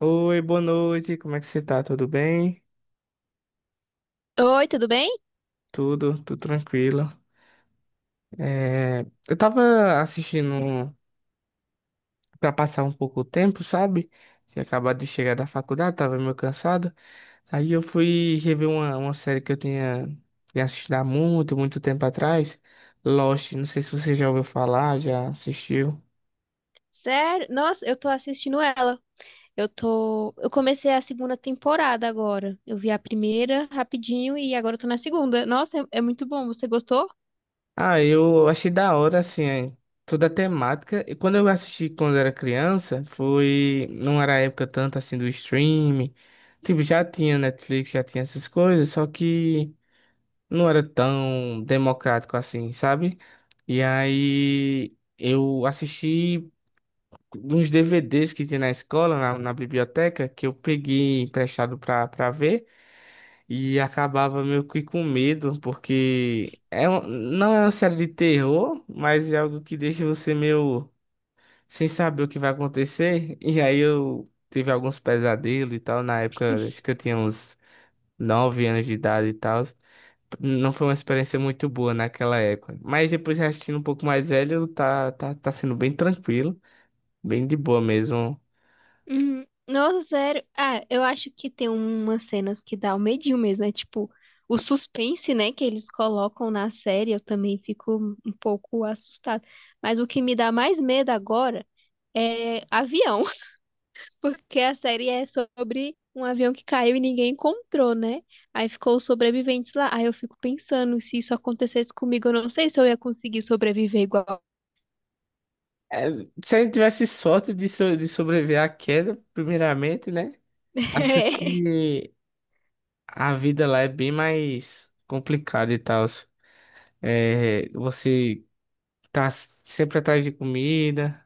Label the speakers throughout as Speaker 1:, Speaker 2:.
Speaker 1: Oi, boa noite, como é que você tá? Tudo bem?
Speaker 2: Oi, tudo bem?
Speaker 1: Tudo tranquilo. É, eu tava assistindo pra passar um pouco o tempo, sabe? Tinha acabado de chegar da faculdade, tava meio cansado. Aí eu fui rever uma série que eu tinha assistido há muito, muito tempo atrás, Lost. Não sei se você já ouviu falar, já assistiu.
Speaker 2: Sério? Nossa, eu tô assistindo ela. Eu comecei a segunda temporada agora. Eu vi a primeira rapidinho e agora eu tô na segunda. Nossa, é muito bom. Você gostou?
Speaker 1: Ah, eu achei da hora, assim, é, toda a temática. E quando eu assisti quando era criança, foi. Não era a época tanto assim do streaming. Tipo, já tinha Netflix, já tinha essas coisas, só que não era tão democrático assim, sabe? E aí eu assisti uns DVDs que tinha na escola, na biblioteca, que eu peguei emprestado pra ver. E acabava meio que com medo, porque não é uma série de terror, mas é algo que deixa você meio sem saber o que vai acontecer. E aí eu tive alguns pesadelos e tal. Na época, acho que eu tinha uns 9 anos de idade e tal. Não foi uma experiência muito boa naquela época. Mas depois assistindo um pouco mais velho, tá sendo bem tranquilo, bem de boa mesmo.
Speaker 2: Uhum. Nossa, sério. Ah, eu acho que tem umas cenas que dá o medinho mesmo. É tipo o suspense, né, que eles colocam na série. Eu também fico um pouco assustada. Mas o que me dá mais medo agora é avião. Porque a série é sobre um avião que caiu e ninguém encontrou, né? Aí ficou os sobreviventes lá. Aí eu fico pensando, se isso acontecesse comigo, eu não sei se eu ia conseguir sobreviver igual.
Speaker 1: É, se a gente tivesse sorte de, de sobreviver à queda, primeiramente, né? Acho que a vida lá é bem mais complicada e tal. É, você tá sempre atrás de comida.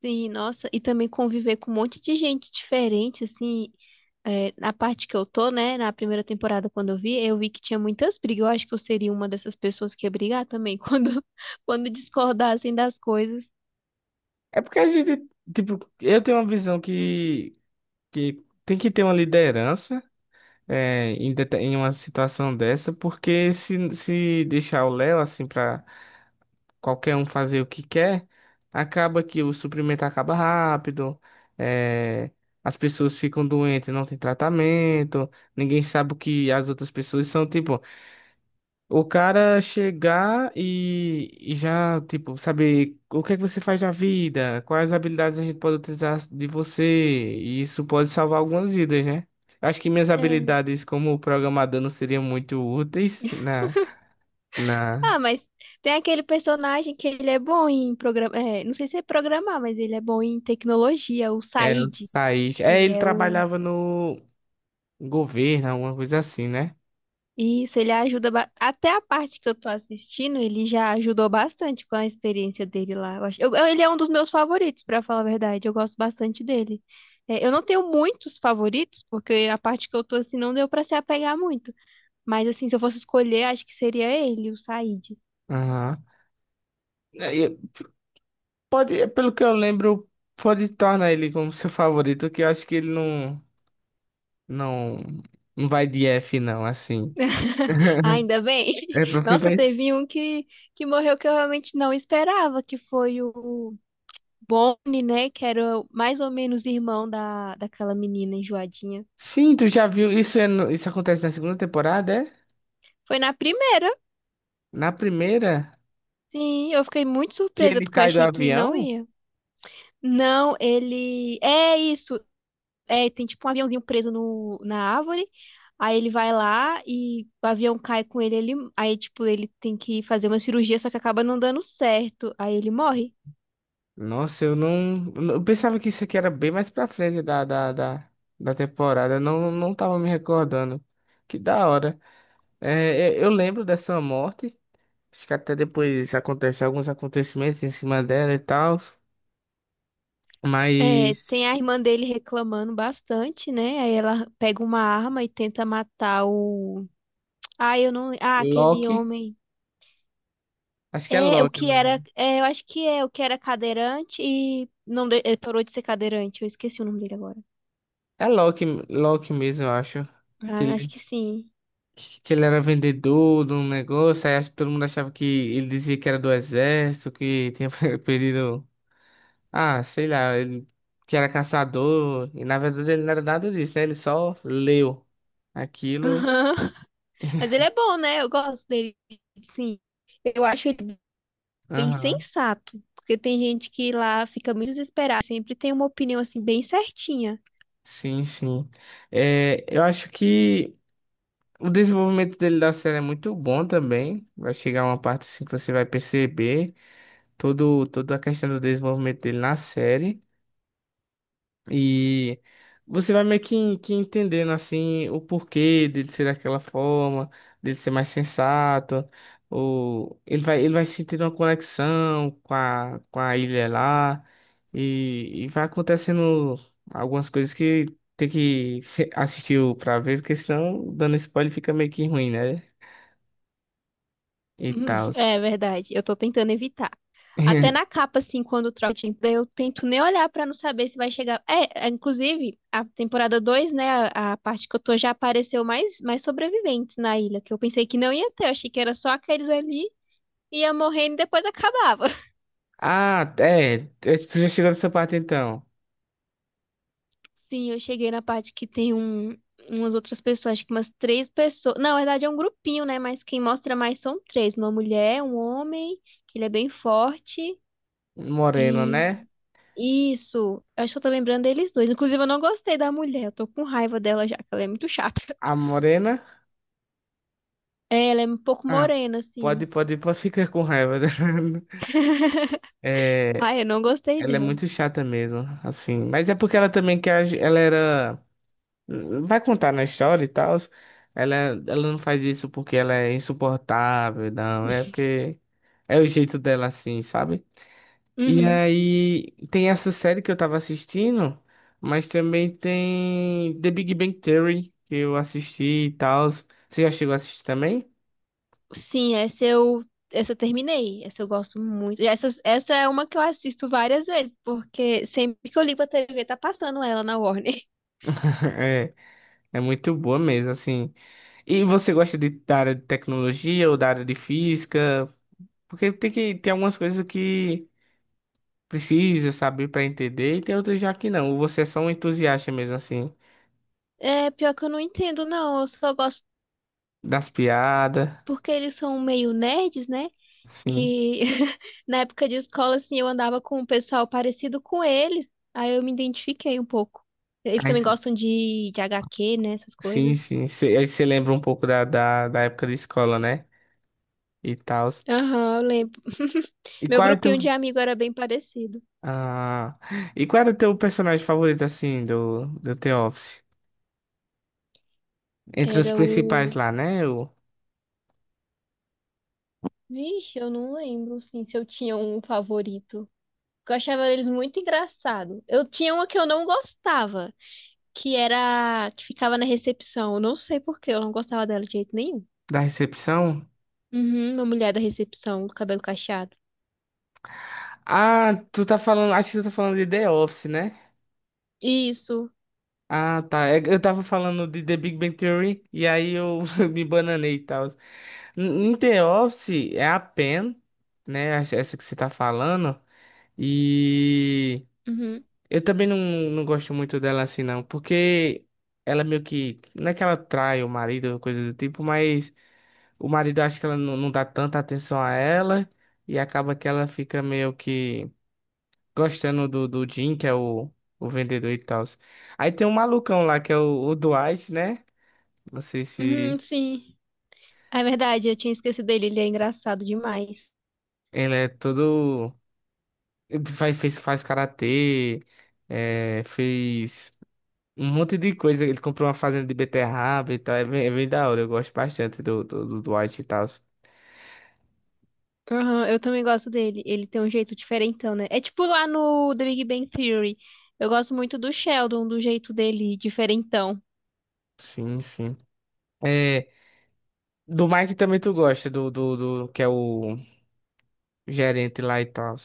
Speaker 2: Sim, nossa, e também conviver com um monte de gente diferente, assim, na parte que eu tô, né, na primeira temporada quando eu vi que tinha muitas brigas, eu acho que eu seria uma dessas pessoas que ia brigar também, quando discordassem das coisas.
Speaker 1: É porque a gente, tipo, eu tenho uma visão que tem que ter uma liderança em uma situação dessa, porque se deixar o Léo assim pra qualquer um fazer o que quer, acaba que o suprimento acaba rápido, é, as pessoas ficam doentes, não tem tratamento, ninguém sabe o que as outras pessoas são, tipo. O cara chegar e já, tipo, saber o que é que você faz da vida, quais habilidades a gente pode utilizar de você, e isso pode salvar algumas vidas, né? Acho que minhas
Speaker 2: É.
Speaker 1: habilidades como programador não seriam muito úteis na, na,
Speaker 2: Ah, mas tem aquele personagem que ele é bom em programar. Não sei se é programar, mas ele é bom em tecnologia, o
Speaker 1: é, eu
Speaker 2: Said.
Speaker 1: saí.
Speaker 2: Que
Speaker 1: É,
Speaker 2: ele
Speaker 1: ele
Speaker 2: é o.
Speaker 1: trabalhava no governo, alguma coisa assim, né?
Speaker 2: Isso, ele ajuda. Ba- Até a parte que eu tô assistindo, ele já ajudou bastante com a experiência dele lá. Eu acho... ele é um dos meus favoritos, pra falar a verdade. Eu gosto bastante dele. É, eu não tenho muitos favoritos, porque a parte que eu tô assim não deu pra se apegar muito. Mas assim, se eu fosse escolher, acho que seria ele, o Said.
Speaker 1: Aham. É, e pode, pelo que eu lembro, pode tornar ele como seu favorito, que eu acho que ele não, não vai de F, não, assim.
Speaker 2: Ainda bem.
Speaker 1: É porque
Speaker 2: Nossa,
Speaker 1: faz.
Speaker 2: que morreu que eu realmente não esperava, que foi o Bonnie, né? Que era o- mais ou menos irmão da, daquela menina enjoadinha.
Speaker 1: Sim, tu já viu? Isso, isso acontece na segunda temporada, é?
Speaker 2: Foi na primeira.
Speaker 1: Na primeira,
Speaker 2: Sim, eu fiquei muito
Speaker 1: que
Speaker 2: surpresa,
Speaker 1: ele
Speaker 2: porque eu
Speaker 1: cai do
Speaker 2: achei que não
Speaker 1: avião?
Speaker 2: ia. Não, ele. É isso. É, tem tipo um aviãozinho preso no, na árvore. Aí ele vai lá e o avião cai com ele, ele. Aí, tipo, ele tem que fazer uma cirurgia, só que acaba não dando certo. Aí ele morre.
Speaker 1: Nossa, eu não. Eu pensava que isso aqui era bem mais pra frente da temporada. Eu não tava me recordando. Que da hora. É, eu lembro dessa morte. Acho que até depois acontece alguns acontecimentos em cima dela e tal.
Speaker 2: É,
Speaker 1: Mas.
Speaker 2: tem a irmã dele reclamando bastante, né? Aí ela pega uma arma e tenta matar o. Ah, eu não. Ah, aquele
Speaker 1: Loki.
Speaker 2: homem.
Speaker 1: Acho que é
Speaker 2: É, o
Speaker 1: Loki. O
Speaker 2: que era. É, eu acho que é o que era cadeirante e. Não, de- ele parou de ser cadeirante. Eu esqueci o nome dele agora.
Speaker 1: é Loki, Loki mesmo, eu acho.
Speaker 2: Ah, acho que sim.
Speaker 1: Que ele era vendedor de um negócio, aí acho que todo mundo achava que ele dizia que era do exército, que tinha perdido, ah, sei lá, ele que era caçador, e na verdade ele não era nada disso, né? Ele só leu aquilo.
Speaker 2: Aham. Mas ele é bom, né? Eu gosto dele, sim. Eu acho ele bem
Speaker 1: Aham.
Speaker 2: sensato. Porque tem gente que lá fica muito desesperada. Sempre tem uma opinião assim, bem certinha.
Speaker 1: Sim, sim. É, eu acho que o desenvolvimento dele da série é muito bom também. Vai chegar uma parte assim que você vai perceber todo, toda a questão do desenvolvimento dele na série. E você vai meio que entendendo assim o porquê dele ser daquela forma, dele ser mais sensato, ou ele vai sentindo uma conexão com a ilha lá, e vai acontecendo algumas coisas que tem que assistir pra ver, porque senão dando spoiler fica meio que ruim, né? E
Speaker 2: Uhum,
Speaker 1: tal.
Speaker 2: é verdade, eu tô tentando evitar. Até na capa, assim, quando troca de emprego, eu tento nem olhar pra não saber se vai chegar. Inclusive, a temporada 2, né, a parte que eu tô já apareceu mais, mais sobreviventes na ilha, que eu pensei que não ia ter, eu achei que era só aqueles ali, ia morrendo e depois acabava.
Speaker 1: Ah, é, é, tu já chegou nessa parte então.
Speaker 2: Sim, eu cheguei na parte que tem um, umas outras pessoas, acho que umas três pessoas. Não, na verdade, é um grupinho, né, mas quem mostra mais são três: uma mulher, um homem, que ele é bem forte.
Speaker 1: Morena, né?
Speaker 2: Isso, eu só tô lembrando deles dois. Inclusive, eu não gostei da mulher, eu tô com raiva dela já, que ela é muito chata.
Speaker 1: A Morena.
Speaker 2: É, ela é um pouco
Speaker 1: Ah,
Speaker 2: morena,
Speaker 1: pode,
Speaker 2: assim.
Speaker 1: pode, pode ficar com raiva dela. É,
Speaker 2: Ai, eu não gostei
Speaker 1: ela é
Speaker 2: dela.
Speaker 1: muito chata mesmo, assim. Mas é porque ela também quer, ela era, vai contar na história e tal. Ela, ela não faz isso porque ela é insuportável, não. É porque é o jeito dela, assim, sabe? E
Speaker 2: Uhum.
Speaker 1: aí tem essa série que eu tava assistindo, mas também tem The Big Bang Theory que eu assisti e tal. Você já chegou a assistir também?
Speaker 2: Sim, essa eu terminei. Essa eu gosto muito. Essa é uma que eu assisto várias vezes, porque sempre que eu ligo a TV tá passando ela na Warner.
Speaker 1: É, é muito boa mesmo, assim. E você gosta de, da área de tecnologia ou da área de física? Porque tem que tem algumas coisas que precisa saber para entender e tem outras já que não. Ou você é só um entusiasta mesmo assim
Speaker 2: É, pior que eu não entendo, não. Eu só gosto
Speaker 1: das piadas,
Speaker 2: porque eles são meio nerds, né?
Speaker 1: sim.
Speaker 2: E na época de escola, assim, eu andava com um pessoal parecido com eles. Aí eu me identifiquei um pouco. Eles
Speaker 1: Aí,
Speaker 2: também gostam de HQ, né? Essas
Speaker 1: sim,
Speaker 2: coisas.
Speaker 1: sim. Aí você lembra um pouco da época de escola, né? E tal.
Speaker 2: Aham, eu lembro.
Speaker 1: E
Speaker 2: Meu
Speaker 1: qual é teu
Speaker 2: grupinho de amigo era bem parecido.
Speaker 1: ah, e qual era o teu personagem favorito assim do The Office? Entre os
Speaker 2: Era
Speaker 1: principais
Speaker 2: o.
Speaker 1: lá, né? O
Speaker 2: Vixe, eu não lembro, assim, se eu tinha um favorito. Eu achava eles muito engraçados. Eu tinha uma que eu não gostava, que era. Que ficava na recepção. Eu não sei por quê, eu não gostava dela de jeito nenhum.
Speaker 1: da recepção.
Speaker 2: Uhum, uma mulher da recepção, com cabelo cacheado.
Speaker 1: Ah, tu tá falando, acho que tu tá falando de The Office, né?
Speaker 2: Isso.
Speaker 1: Ah, tá. É que eu tava falando de The Big Bang Theory e aí eu me bananei e tal. Em The Office é a Pen, né? Essa que você tá falando. E
Speaker 2: Uhum.
Speaker 1: eu também não gosto muito dela assim, não. Porque ela meio que. Não é que ela trai o marido, coisa do tipo, mas o marido acha que ela não dá tanta atenção a ela. E acaba que ela fica meio que gostando do Jim, que é o vendedor e tal. Aí tem um malucão lá, que é o Dwight, né? Não sei
Speaker 2: Uhum,
Speaker 1: se
Speaker 2: sim. É verdade, eu tinha esquecido dele, ele é engraçado demais.
Speaker 1: ele é todo. Ele faz karatê, é, fez um monte de coisa. Ele comprou uma fazenda de beterraba e tal. É bem da hora, eu gosto bastante do Dwight e tal.
Speaker 2: Aham, eu também gosto dele. Ele tem um jeito diferentão, né? É tipo lá no The Big Bang Theory. Eu gosto muito do Sheldon, do jeito dele, diferentão.
Speaker 1: Sim, sim. É, do Mike também tu gosta, do que é o gerente lá e tal.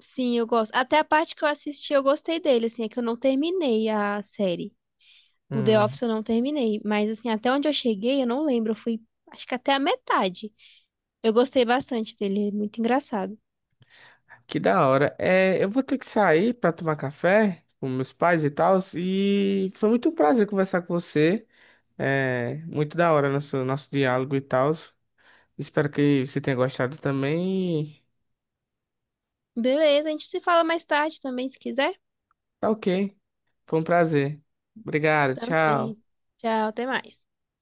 Speaker 2: Sim, eu gosto. Até a parte que eu assisti, eu gostei dele, assim, é que eu não terminei a série. O The Office eu não terminei, mas assim, até onde eu cheguei, eu não lembro, eu fui, acho que até a metade. Eu gostei bastante dele, é muito engraçado.
Speaker 1: Que da hora. É, eu vou ter que sair para tomar café com meus pais e tal. E foi muito um prazer conversar com você. É, muito da hora nosso diálogo e tal. Espero que você tenha gostado também.
Speaker 2: Beleza, a gente se fala mais tarde também, se quiser.
Speaker 1: Tá ok. Foi um prazer. Obrigado, tchau.
Speaker 2: Também. Tchau, até mais.